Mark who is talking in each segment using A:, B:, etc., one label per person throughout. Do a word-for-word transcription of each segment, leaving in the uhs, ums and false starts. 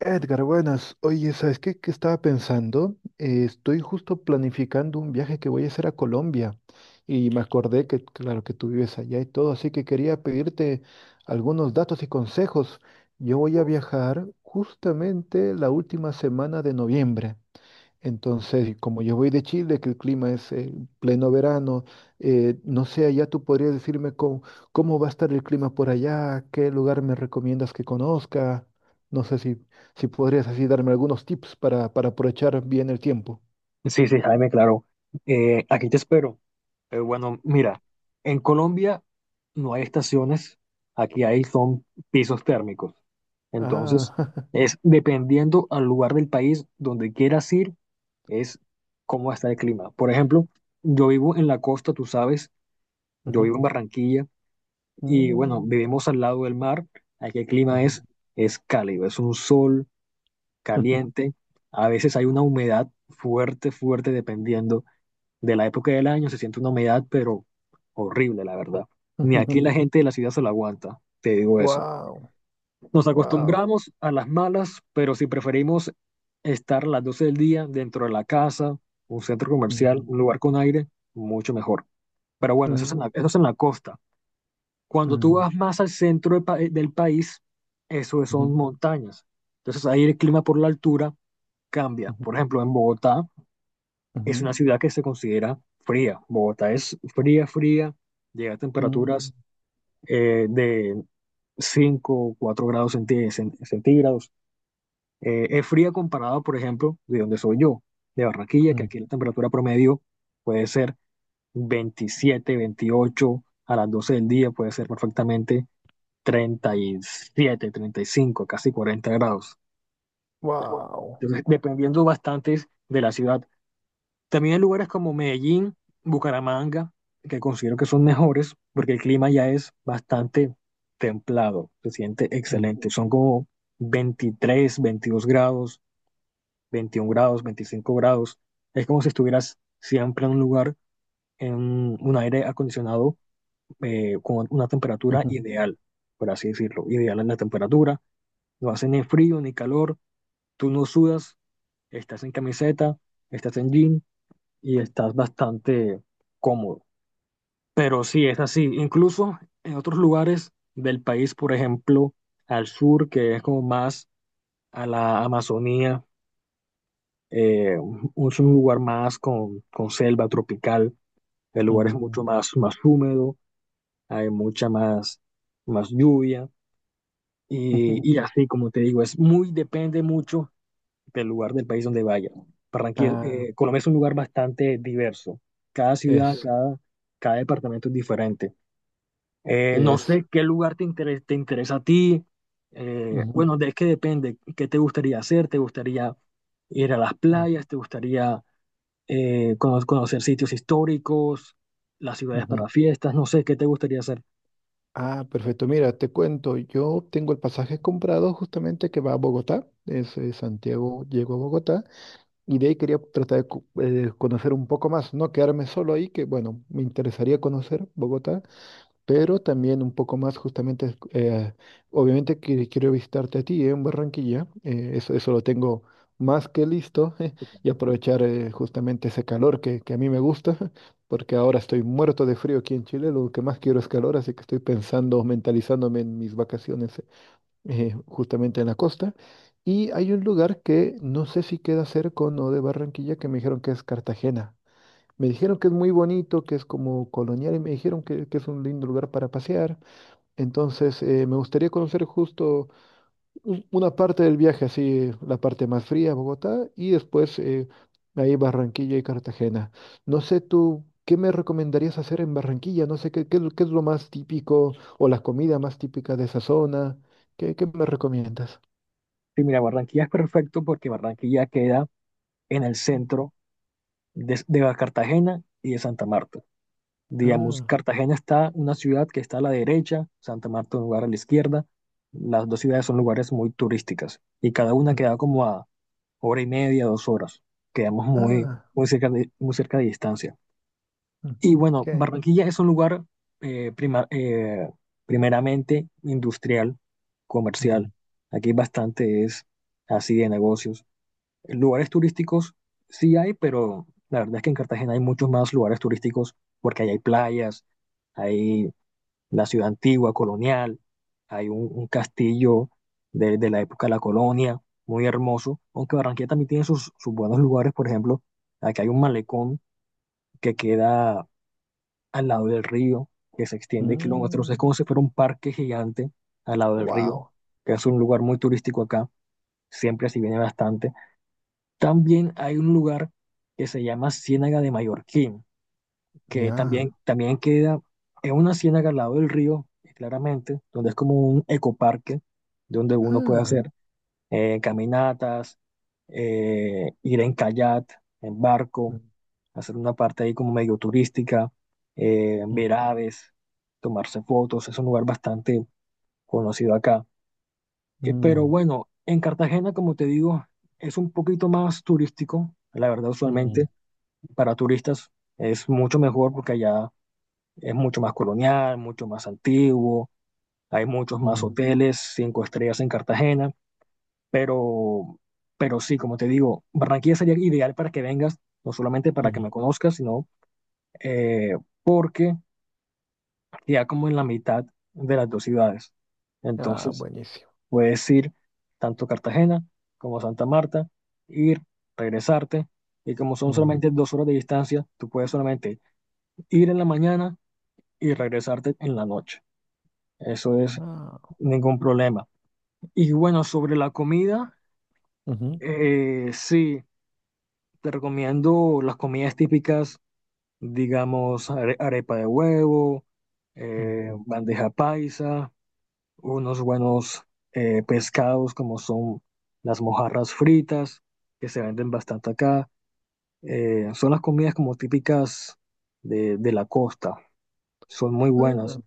A: Edgar, buenas. Oye, ¿sabes qué, qué estaba pensando? Eh, estoy justo planificando un viaje que voy a hacer a Colombia y me acordé que, claro, que tú vives allá y todo, así que quería pedirte algunos datos y consejos. Yo voy a viajar justamente la última semana de noviembre. Entonces, y como yo voy de Chile, que el clima es eh, pleno verano, eh, no sé, allá tú podrías decirme cómo, cómo va a estar el clima por allá, qué lugar me recomiendas que conozca. No sé si, si podrías así darme algunos tips para, para aprovechar bien el tiempo.
B: Sí, sí, Jaime, claro. Eh, aquí te espero. Eh, bueno, mira, en Colombia no hay estaciones, aquí hay son pisos térmicos. Entonces,
A: Ah,
B: es dependiendo al lugar del país donde quieras ir, es cómo está el clima. Por ejemplo, yo vivo en la costa, tú sabes, yo
A: ujú,
B: vivo en Barranquilla y bueno,
A: mm,
B: vivimos al lado del mar. Aquí el clima
A: ujú,
B: es, es cálido, es un sol
A: ujú,
B: caliente. A veces hay una humedad fuerte, fuerte, dependiendo de la época del año, se siente una humedad, pero horrible, la verdad. Ni aquí la gente de la ciudad se lo aguanta, te digo eso.
A: wow,
B: Nos
A: wow.
B: acostumbramos a las malas, pero si preferimos estar a las doce del día dentro de la casa, un centro comercial,
A: Mm,
B: un lugar con aire, mucho mejor. Pero bueno, eso es en
A: mm,
B: la, eso es en la costa. Cuando tú
A: mm,
B: vas más al centro de pa- eh, del país, eso son
A: ujú,
B: montañas. Entonces ahí el clima por la altura cambia.
A: ujú,
B: Por ejemplo, en Bogotá es una
A: ujú,
B: ciudad que se considera fría. Bogotá es fría, fría, llega a
A: mm,
B: temperaturas eh, de cinco, o cuatro grados centí- cen- centígrados. Eh, es fría comparado, por ejemplo, de donde soy yo, de Barranquilla, que
A: mm,
B: aquí la temperatura promedio puede ser veintisiete, veintiocho a las doce del día puede ser perfectamente treinta treinta y siete, treinta y cinco, casi cuarenta grados.
A: wow.
B: Entonces, dependiendo bastante de la ciudad. También hay lugares como Medellín, Bucaramanga, que considero que son mejores porque el clima ya es bastante templado, se siente
A: Mm,
B: excelente. Son como veintitrés, veintidós grados, veintiún grados, veinticinco grados. Es como si estuvieras siempre en un lugar, en un aire acondicionado eh, con una temperatura
A: ujú.
B: ideal, por así decirlo. Ideal en la temperatura, no hace ni frío ni calor, tú no sudas, estás en camiseta, estás en jean y estás bastante cómodo. Pero sí, es así. Incluso en otros lugares del país, por ejemplo, al sur, que es como más a la Amazonía, eh, un- es un lugar más con, con selva tropical, el lugar es mucho
A: Mm.
B: más, más húmedo, hay mucha más, más lluvia y, y así, como te digo, es muy, depende mucho del lugar del país donde vaya. Barranquilla,
A: Ah,
B: eh, Colombia es un lugar bastante diverso. Cada ciudad,
A: es,
B: cada, cada departamento es diferente. Eh, no
A: es.
B: sé qué lugar te interesa, te interesa a ti. Eh,
A: Ujú,
B: bueno, de, es que depende. ¿Qué te gustaría hacer? ¿Te gustaría ir a las
A: ujú,
B: playas? ¿Te gustaría eh, cono- conocer sitios históricos? ¿Las ciudades
A: ujú.
B: para fiestas? No sé, ¿qué te gustaría hacer?
A: Ah, perfecto. Mira, te cuento, yo tengo el pasaje comprado justamente que va a Bogotá, desde Santiago llego a Bogotá, y de ahí quería tratar de co- eh, conocer un poco más, no quedarme solo ahí, que bueno, me interesaría conocer Bogotá, pero también un poco más justamente, eh, obviamente que quiero visitarte a ti eh, en Barranquilla, eh, eso, eso lo tengo más que listo y aprovechar eh, justamente ese calor que, que a mí me gusta, porque ahora estoy muerto de frío aquí en Chile, lo que más quiero es calor, así que estoy pensando, mentalizándome en mis vacaciones eh, justamente en la costa. Y hay un lugar que no sé si queda cerca o no de Barranquilla, que me dijeron que es Cartagena. Me dijeron que es muy bonito, que es como colonial y me dijeron que, que es un lindo lugar para pasear. Entonces, eh, me gustaría conocer justo un- una parte del viaje, así la parte más fría, Bogotá, y después eh, ahí Barranquilla y Cartagena. No sé tú, ¿qué me recomendarías hacer en Barranquilla? No sé qué, qué, es lo qué es lo más típico o la comida más típica de esa zona. ¿Qué, qué me recomiendas?
B: Sí, mira, Barranquilla es perfecto porque Barranquilla queda en el centro de, de Cartagena y de Santa Marta. Digamos,
A: Ah,
B: Cartagena está una ciudad que está a la derecha, Santa Marta un lugar a la izquierda. Las dos ciudades son lugares muy turísticas y cada una
A: mm,
B: queda como a hora y media, dos horas. Quedamos muy,
A: ah,
B: muy cerca de, muy cerca de distancia.
A: mm,
B: Y bueno,
A: genial.
B: Barranquilla es un lugar eh, prima- eh, primeramente industrial, comercial. Aquí bastante es así de negocios. Lugares turísticos sí hay, pero la verdad es que en Cartagena hay muchos más lugares turísticos porque ahí hay playas, hay la ciudad antigua, colonial, hay un, un castillo de, de la época de la colonia, muy hermoso, aunque Barranquilla también tiene sus, sus buenos lugares, por ejemplo, aquí hay un malecón que queda al lado del río, que se extiende kilómetros, es
A: Mm.
B: como si fuera un parque gigante al lado del río,
A: Wow,
B: que es un lugar muy turístico acá, siempre se viene bastante. También hay un lugar que se llama Ciénaga de Mallorquín, que también,
A: ya.
B: también queda en una ciénaga al lado del río, claramente, donde es como un ecoparque, donde uno puede
A: Ah.
B: hacer eh, caminatas, eh, ir en kayak, en barco,
A: Mm,
B: hacer una parte ahí como medio turística, eh,
A: mm,
B: ver aves, tomarse fotos, es un lugar bastante conocido acá. Eh, pero
A: mm,
B: bueno, en Cartagena, como te digo, es un poquito más turístico, la verdad,
A: mm,
B: usualmente para turistas es mucho mejor porque allá es mucho más colonial, mucho más antiguo, hay muchos más
A: mm,
B: hoteles, cinco estrellas en Cartagena, pero, pero sí, como te digo, Barranquilla sería ideal para que vengas, no solamente para que
A: mm.
B: me conozcas, sino eh, porque ya como en la mitad de las dos ciudades.
A: Ah,
B: Entonces,
A: buenísimo.
B: puedes ir tanto a Cartagena como a Santa Marta, ir, regresarte, y como son
A: Mm.
B: solamente dos horas de distancia, tú puedes solamente ir en la mañana y regresarte en la noche. Eso es
A: Ah,
B: ningún problema. Y bueno, sobre la comida,
A: ujú,
B: eh, sí, te recomiendo las comidas típicas, digamos, are- arepa de huevo, eh,
A: mm.
B: bandeja paisa, unos buenos eh, pescados como son las mojarras fritas, que se venden bastante acá. Eh, son las comidas como típicas de, de la costa, son muy
A: Ah,
B: buenas.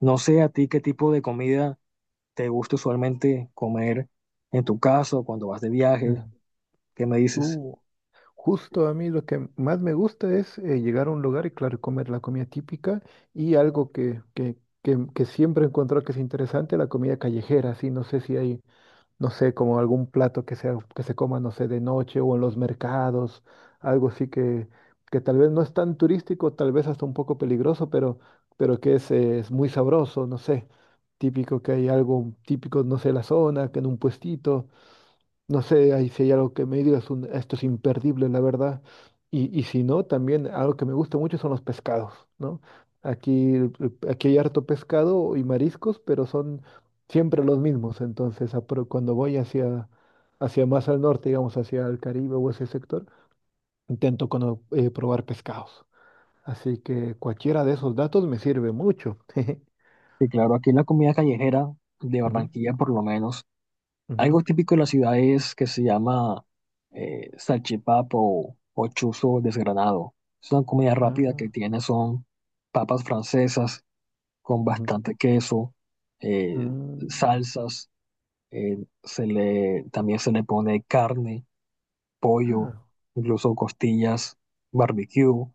B: No sé a ti qué tipo de comida. ¿Te gusta usualmente comer en tu casa o cuando vas de viaje?
A: ujú.
B: ¿Qué me dices?
A: Uh, Justo a mí lo que más me gusta es eh, llegar a un lugar y, claro, comer la comida típica y algo que, que, que, que siempre he encontrado que es interesante, la comida callejera. Sí, no sé si hay no sé, como algún plato que sea, que se coma, no sé, de noche o en los mercados, algo así que, que tal vez no es tan turístico, tal vez hasta un poco peligroso, pero, pero que es, eh, es muy sabroso, no sé, típico que hay algo típico, no sé, la zona, que en un puestito. No sé ahí si hay algo que me digas, un, esto es imperdible, la verdad. Y, y si no, también algo que me gusta mucho son los pescados, ¿no? Aquí, el- el- aquí hay harto pescado y mariscos, pero son siempre los mismos. Entonces, a pro- cuando voy hacia, hacia más al norte, digamos, hacia el Caribe o ese sector, intento cono- eh, probar pescados. Así que cualquiera de esos datos me sirve mucho.
B: Sí, claro, aquí la comida callejera de
A: Ujú,
B: Barranquilla, por lo menos,
A: ujú.
B: algo típico de la ciudad es que se llama eh, salchipapa o, o chuzo desgranado. Es una comida rápida
A: Ah,
B: que tiene, son papas francesas con
A: ujú.
B: bastante queso, eh,
A: Mm.
B: salsas, eh, se le, también se le pone carne, pollo,
A: Ah,
B: incluso costillas, barbecue,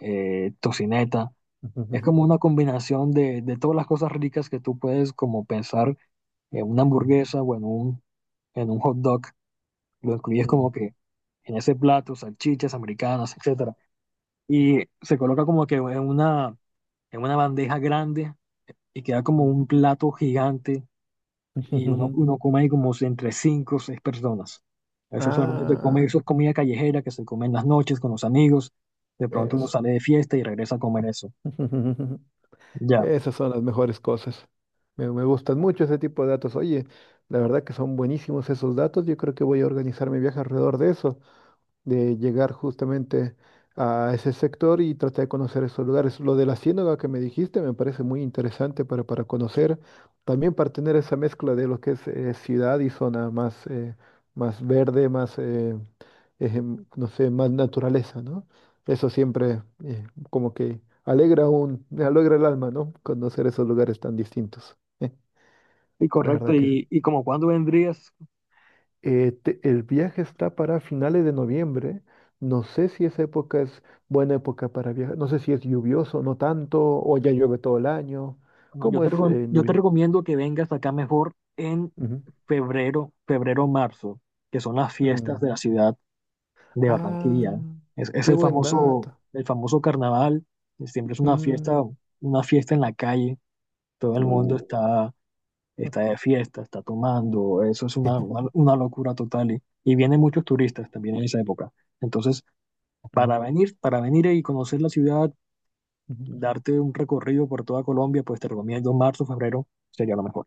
B: eh, tocineta.
A: ujú,
B: Es
A: ujú,
B: como una combinación de, de todas las cosas ricas que tú puedes como pensar en una
A: ujú.
B: hamburguesa o en un, en un hot dog. Lo incluyes como
A: Ujú.
B: que en ese plato, salchichas americanas, etcétera. Y se coloca como que en una, en una bandeja grande y queda como un plato gigante y uno, uno come ahí como si entre cinco o seis personas. Eso solamente se come,
A: Ah,
B: eso es comida callejera que se come en las noches con los amigos. De pronto uno
A: eso.
B: sale de fiesta y regresa a comer eso. Ya.
A: Esas son las mejores cosas. Me, me gustan mucho ese tipo de datos. Oye, la verdad que son buenísimos esos datos. Yo creo que voy a organizar mi viaje alrededor de eso. De llegar justamente a ese sector y tratar de conocer esos lugares. Lo de la ciénaga que me dijiste me parece muy interesante para, para conocer, también para tener esa mezcla de lo que es eh, ciudad y zona más, eh, más verde, más, eh, ejem- no sé, más naturaleza, ¿no? Eso siempre eh, como que alegra un, alegra el alma, ¿no? Conocer esos lugares tan distintos. La
B: Sí, correcto.
A: verdad que sí.
B: Y, y como cuándo vendrías?
A: Eh, te- el viaje está para finales de noviembre. No sé si esa época es buena época para viajar. No sé si es lluvioso, no tanto, o ya llueve todo el año.
B: Bueno, yo
A: ¿Cómo
B: te,
A: es
B: recom-
A: eh, en
B: yo te
A: noviembre?
B: recomiendo que vengas acá mejor en
A: Ujú.
B: febrero, febrero, marzo, que son las fiestas
A: Mm.
B: de la ciudad de Barranquilla.
A: Ah,
B: ¿Eh? Es, es
A: qué
B: el
A: buen
B: famoso,
A: dato.
B: el famoso carnaval. Siempre es una
A: Mm,
B: fiesta, una fiesta en la calle. Todo el mundo
A: uh,
B: está, está de fiesta, está tomando. Eso es una, una, una locura total. Y, y vienen muchos turistas también en esa época. Entonces, para
A: ujú,
B: venir, para venir y conocer la ciudad,
A: ujú.
B: darte un recorrido por toda Colombia, pues te recomiendo marzo, febrero, sería lo mejor.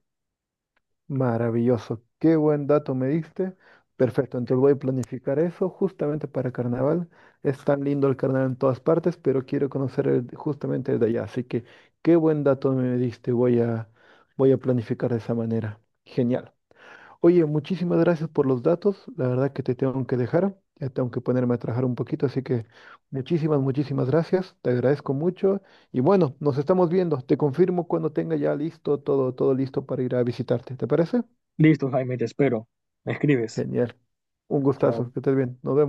A: Maravilloso, qué buen dato me diste. Perfecto, entonces voy a planificar eso justamente para carnaval. Es tan lindo el carnaval en todas partes, pero quiero conocer el- justamente el de allá. Así que qué buen dato me diste. Voy a, voy a planificar de esa manera. Genial. Oye, muchísimas gracias por los datos. La verdad que te tengo que dejar. Ya tengo que ponerme a trabajar un poquito. Así que muchísimas, muchísimas gracias. Te agradezco mucho. Y bueno, nos estamos viendo. Te confirmo cuando tenga ya listo todo, todo listo para ir a visitarte. ¿Te parece?
B: Listo, Jaime, te espero. Me escribes.
A: Genial. Un
B: Chao.
A: gustazo. Que estés bien. Nos vemos.